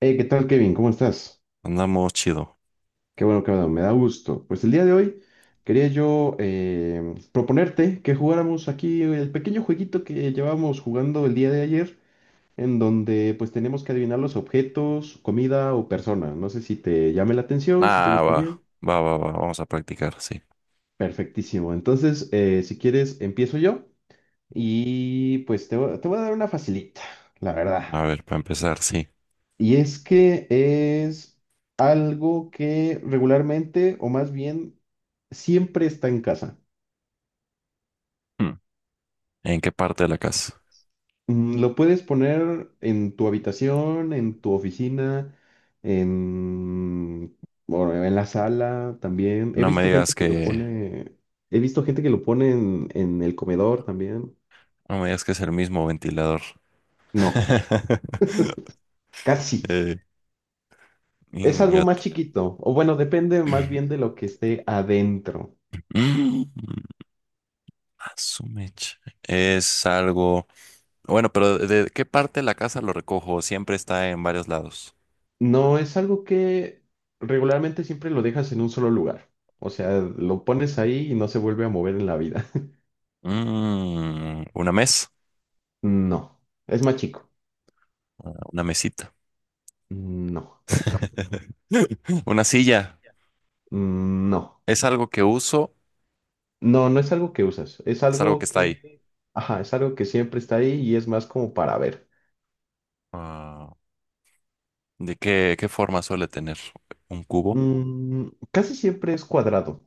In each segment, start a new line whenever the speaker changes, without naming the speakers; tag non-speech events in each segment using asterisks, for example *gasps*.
¿Qué tal, Kevin? ¿Cómo estás?
Andamos chido.
Qué bueno que me da gusto. Pues el día de hoy quería yo proponerte que jugáramos aquí el pequeño jueguito que llevábamos jugando el día de ayer, en donde pues tenemos que adivinar los objetos, comida o persona. No sé si te llame la atención, si te
Ah, va,
gustaría.
va, va, va. Vamos a practicar, sí.
Perfectísimo. Entonces, si quieres, empiezo yo y pues te voy a dar una facilita, la verdad.
A ver, para empezar, sí.
Y es que es algo que regularmente, o más bien, siempre está en casa.
Hmm. ¿En qué parte de la casa?
Lo puedes poner en tu habitación, en tu oficina, en, bueno, en la sala también. He
No me
visto
digas
gente que lo, sí,
que,
pone, he visto gente que lo pone en el comedor también.
no me digas que es el mismo ventilador.
No,
*laughs*
casi.
eh,
Es algo más
ingato.
chiquito, o bueno, depende más bien de lo que esté adentro.
Mm, a *clears throat* su mecha. Es algo. Bueno, pero ¿de qué parte de la casa lo recojo? Siempre está en varios lados.
No es algo que regularmente siempre lo dejas en un solo lugar. O sea, lo pones ahí y no se vuelve a mover en la vida. *laughs*
Una mesa,
No. ¿Es más chico?
una mesita,
No.
*laughs* una silla.
No.
Es algo que uso.
No, no es algo que usas. Es
Es algo que
algo
está ahí.
que... Ajá, es algo que siempre está ahí y es más como para ver.
Ah, ¿de qué, forma suele tener? ¿Un cubo?
Mm, casi siempre es cuadrado.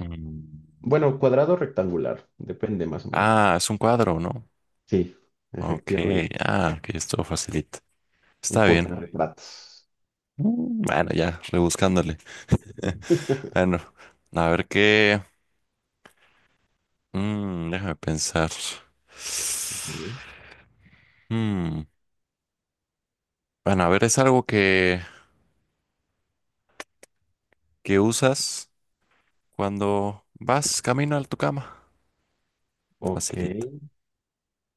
Mm.
Bueno, cuadrado o rectangular. Depende más o menos.
Ah, es un cuadro, ¿no?
Sí,
Ok,
efectivamente.
que esto facilita.
Un
Está bien.
portarretratos.
Bueno, ya, rebuscándole. *laughs* Bueno, a ver qué. Déjame pensar.
Ujú.
Mm, Bueno, a ver, es algo que usas cuando vas camino a tu cama.
*laughs* Ok.
Facilita.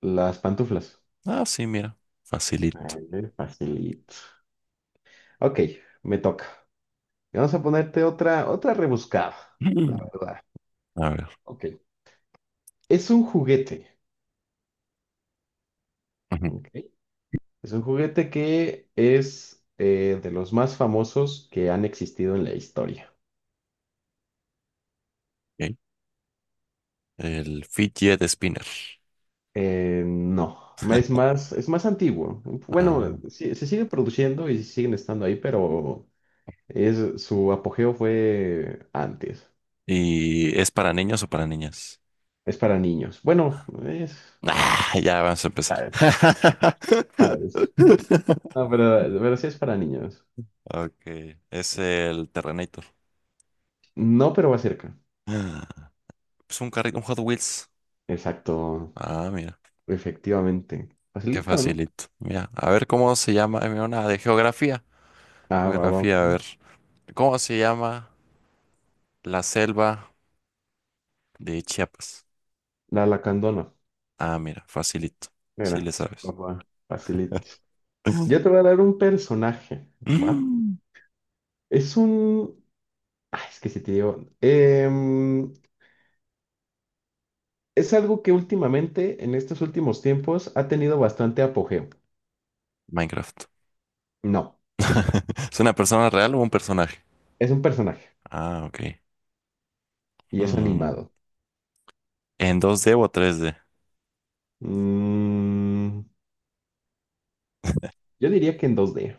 Las pantuflas.
Ah, sí, mira, facilito.
Vale, facilito. Ok, me toca. Vamos a ponerte otra, otra rebuscada,
Mm.
la verdad.
A ver.
Ok. Es un juguete. Ok. Es un juguete que es de los más famosos que han existido en la historia.
Ok. El fidget spinner.
No, es más antiguo.
Ah.
Bueno, se sigue produciendo y siguen estando ahí, pero es, su apogeo fue antes.
¿Y es para niños o para niñas?
Es para niños. Bueno, es...
Ah, ya vamos a empezar.
Sabes, sabes.
*laughs*
No, pero sí es para niños.
Ok, es el Terrenator.
No, pero va cerca.
Ah, es un carrito, un Hot Wheels.
Exacto,
Ah, mira,
efectivamente.
qué
Facilito, ¿no?
facilito. Mira, a ver cómo se llama, mira, una de geografía.
Ah, va, va,
Geografía, a
va.
ver. ¿Cómo se llama la selva de Chiapas?
La lacandona.
Ah, mira, facilito. Sí
Mira,
le sabes. *clears throat*
papá, facilito. Yo te
*laughs*
voy a dar un personaje, ¿va?
Mm.
Es un... Ah, es que si te digo... es algo que últimamente, en estos últimos tiempos, ha tenido bastante apogeo.
Minecraft.
No,
*laughs* ¿Es una persona real o un personaje?
es un personaje
Ah, ok.
y es
Hmm.
animado.
En dos 2D o 3D.
Mm, yo diría que en 2D.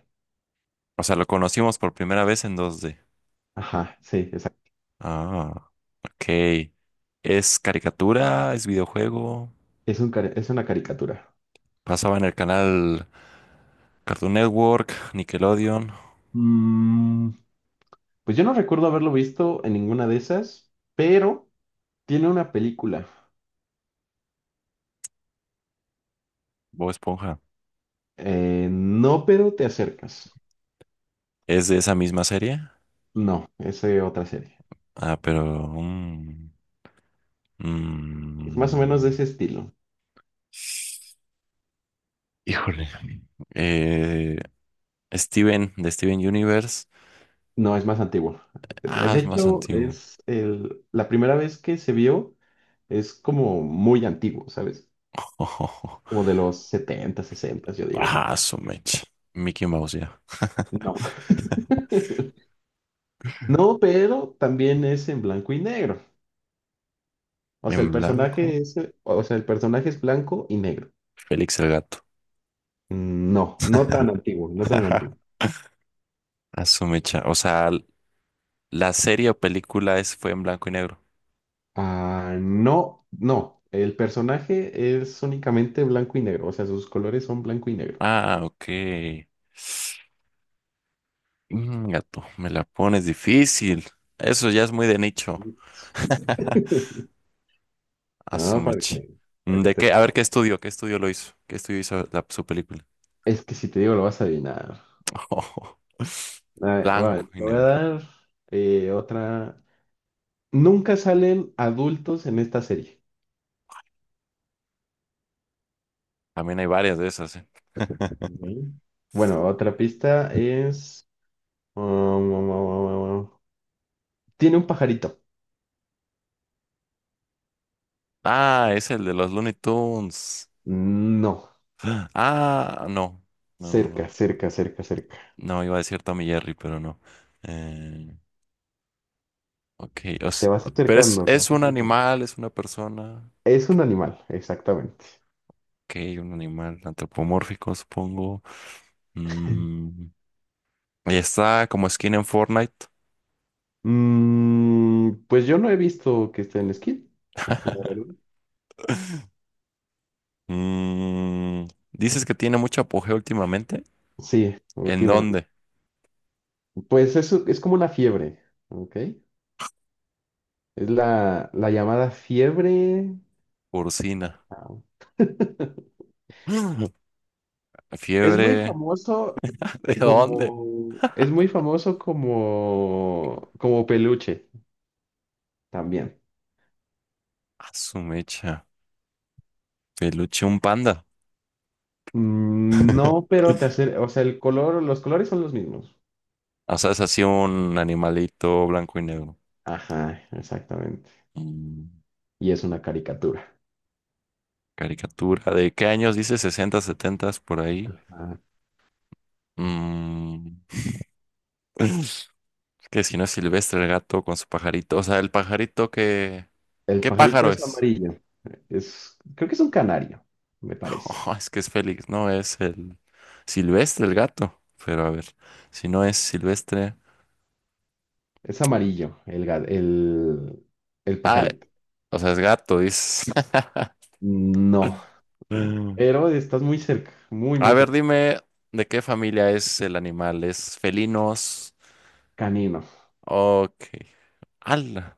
O sea, lo conocimos por primera vez en dos d.
Ajá, sí, exacto.
Ah, ok. ¿Es caricatura? ¿Es videojuego?
Es un, es una caricatura.
Pasaba en el canal Cartoon Network, Nickelodeon.
Mm, pues yo no recuerdo haberlo visto en ninguna de esas, pero tiene una película.
Bob Esponja.
No, pero te acercas.
¿Es de esa misma serie?
No, es otra serie.
Ah, pero. Mm,
Es más o menos de
mm.
ese estilo.
Híjole. Eh, Steven, de Steven Universe.
No, es más antiguo.
Ah,
De
es más
hecho,
antiguo.
la primera vez que se vio es como muy antiguo, ¿sabes?
*laughs*
Como de los 70, 60, yo digo.
Ah, su mecha. Mickey Mouse ya.
No.
*laughs*
*laughs* No, pero también es en blanco y negro. O sea, el
En blanco.
personaje es, o sea, el personaje es blanco y negro.
Félix el gato.
Mm, no, no tan
*laughs*
antiguo, no tan antiguo.
A su mecha. O sea, la serie o película fue en blanco y negro.
Ah, no, no. El personaje es únicamente blanco y negro, o sea, sus colores son blanco y negro.
Ah, ok. Gato, me la pones difícil. Eso ya es muy de nicho. *laughs*
*laughs*
A su
Ah,
mecha.
para que
¿De
esté
qué? A ver, ¿qué
perro.
estudio? ¿Qué estudio lo hizo? ¿Qué estudio hizo su película?
Es que si te digo lo vas a adivinar.
*laughs*
A ver, vale,
Blanco y
te voy a
negro.
dar otra. Nunca salen adultos en esta serie.
También hay varias de esas, ¿eh?
Ok.
*laughs*
Bueno, otra pista es... um, um, um, um, um, um, tiene un pajarito.
Ah, es el de los Looney Tunes.
No,
Ah, no. No, no,
cerca,
no.
cerca, cerca, cerca.
No, iba a decir Tommy Jerry, pero no. Eh, ok,
Te vas
pero es,
acercando, te
es
vas
un
acercando.
animal, es una persona.
Es un animal, exactamente.
Ok, un animal antropomórfico, supongo. Mm, y está como skin en Fortnite.
Mm, pues yo no he visto que esté en esquí, la
*laughs*
verdad.
Mm, dices que tiene mucho apogeo últimamente.
Sí,
¿En
últimamente.
dónde?
Pues eso es como una fiebre, ¿ok? Es la llamada fiebre.
Porcina.
Ah. *laughs*
*gasps* *laughs*
Es muy
Fiebre.
famoso
*laughs* ¿De dónde?
como, es muy famoso como, como peluche también.
A su mecha. Peluche, un panda.
Mm,
*laughs*
no, pero te hace, o sea, el color, los colores son los mismos.
O sea, es así un animalito blanco y negro.
Ajá, exactamente.
Mm,
Y es una caricatura.
caricatura. ¿De qué años dice? 60 70 por ahí.
Ajá.
Mm, *sniffs* *laughs* que si no es silvestre el gato con su pajarito. O sea, el pajarito que.
El
¿Qué
pajarito
pájaro
es
es?
amarillo. Es, creo que es un canario, me
*laughs*
parece.
Oh, es que es Félix. No, es el silvestre el gato. Pero a ver, si no es silvestre.
Es amarillo el
Ah,
pajarito.
o sea, es gato, dice. *laughs*
No,
Mm.
pero estás muy cerca, muy,
A
muy
ver,
cerca.
dime de qué familia es el animal. ¿Es felinos?
Canino.
Ok. ¡Hala!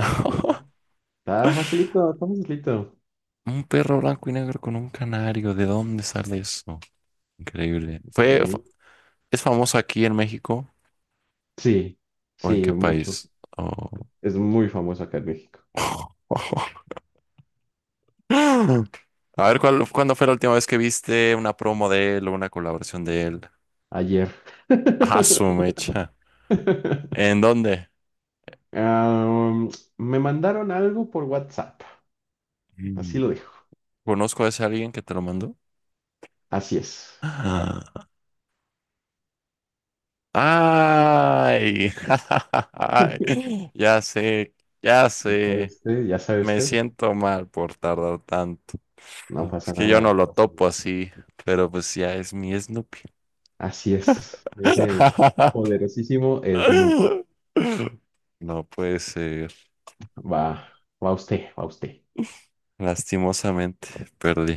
Ok. Está facilito, está facilito.
Un perro blanco y negro con un canario, ¿de dónde sale eso? Increíble. ¿Fue, fa-
Ok.
es famoso aquí en México
Sí,
o en
sí,
qué
mucho.
país? Oh.
Es muy famoso acá en México.
*laughs* A ver, ¿cuándo fue la última vez que viste una promo de él o una colaboración de él?
Ayer.
Ah, su mecha. ¿En
*laughs*
dónde?
Am, me mandaron algo por WhatsApp.
Mm.
Así lo dejo.
¿Conozco a ese alguien que te lo mandó?
Así es.
*gasps* Ah. ¡Ay! *laughs*
*laughs*
ay, ya sé, ya
¿Sabe
sé.
usted? ¿Ya sabe
Me
usted?
siento mal por tardar tanto.
No pasa
Es que yo
nada,
no
no
lo
pasa
topo
nada.
así, pero pues ya es mi Snoopy.
Así es. Es el
*laughs*
poderosísimo Snoop.
No puede ser.
Va, va usted, va usted.
Lastimosamente perdí.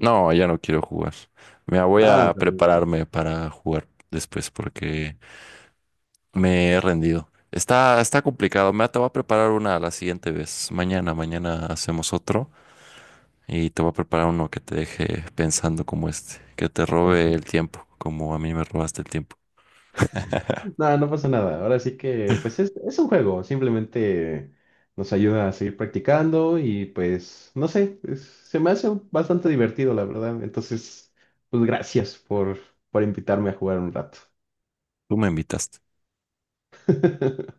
No, ya no quiero jugar. Me voy
Nada,
a
pero...
prepararme para jugar después porque me he rendido. Está complicado. Me te voy a preparar una la siguiente vez. Mañana, mañana hacemos otro. Y te voy a preparar uno que te deje pensando como este, que te robe el
Perfecto.
tiempo, como a mí me robaste el tiempo.
Nada, no pasa nada. Ahora sí que, pues es un juego. Simplemente nos ayuda a seguir practicando y pues, no sé, se me hace bastante divertido, la verdad. Entonces, pues gracias por invitarme a jugar un rato.
Tú me invitaste.
*laughs*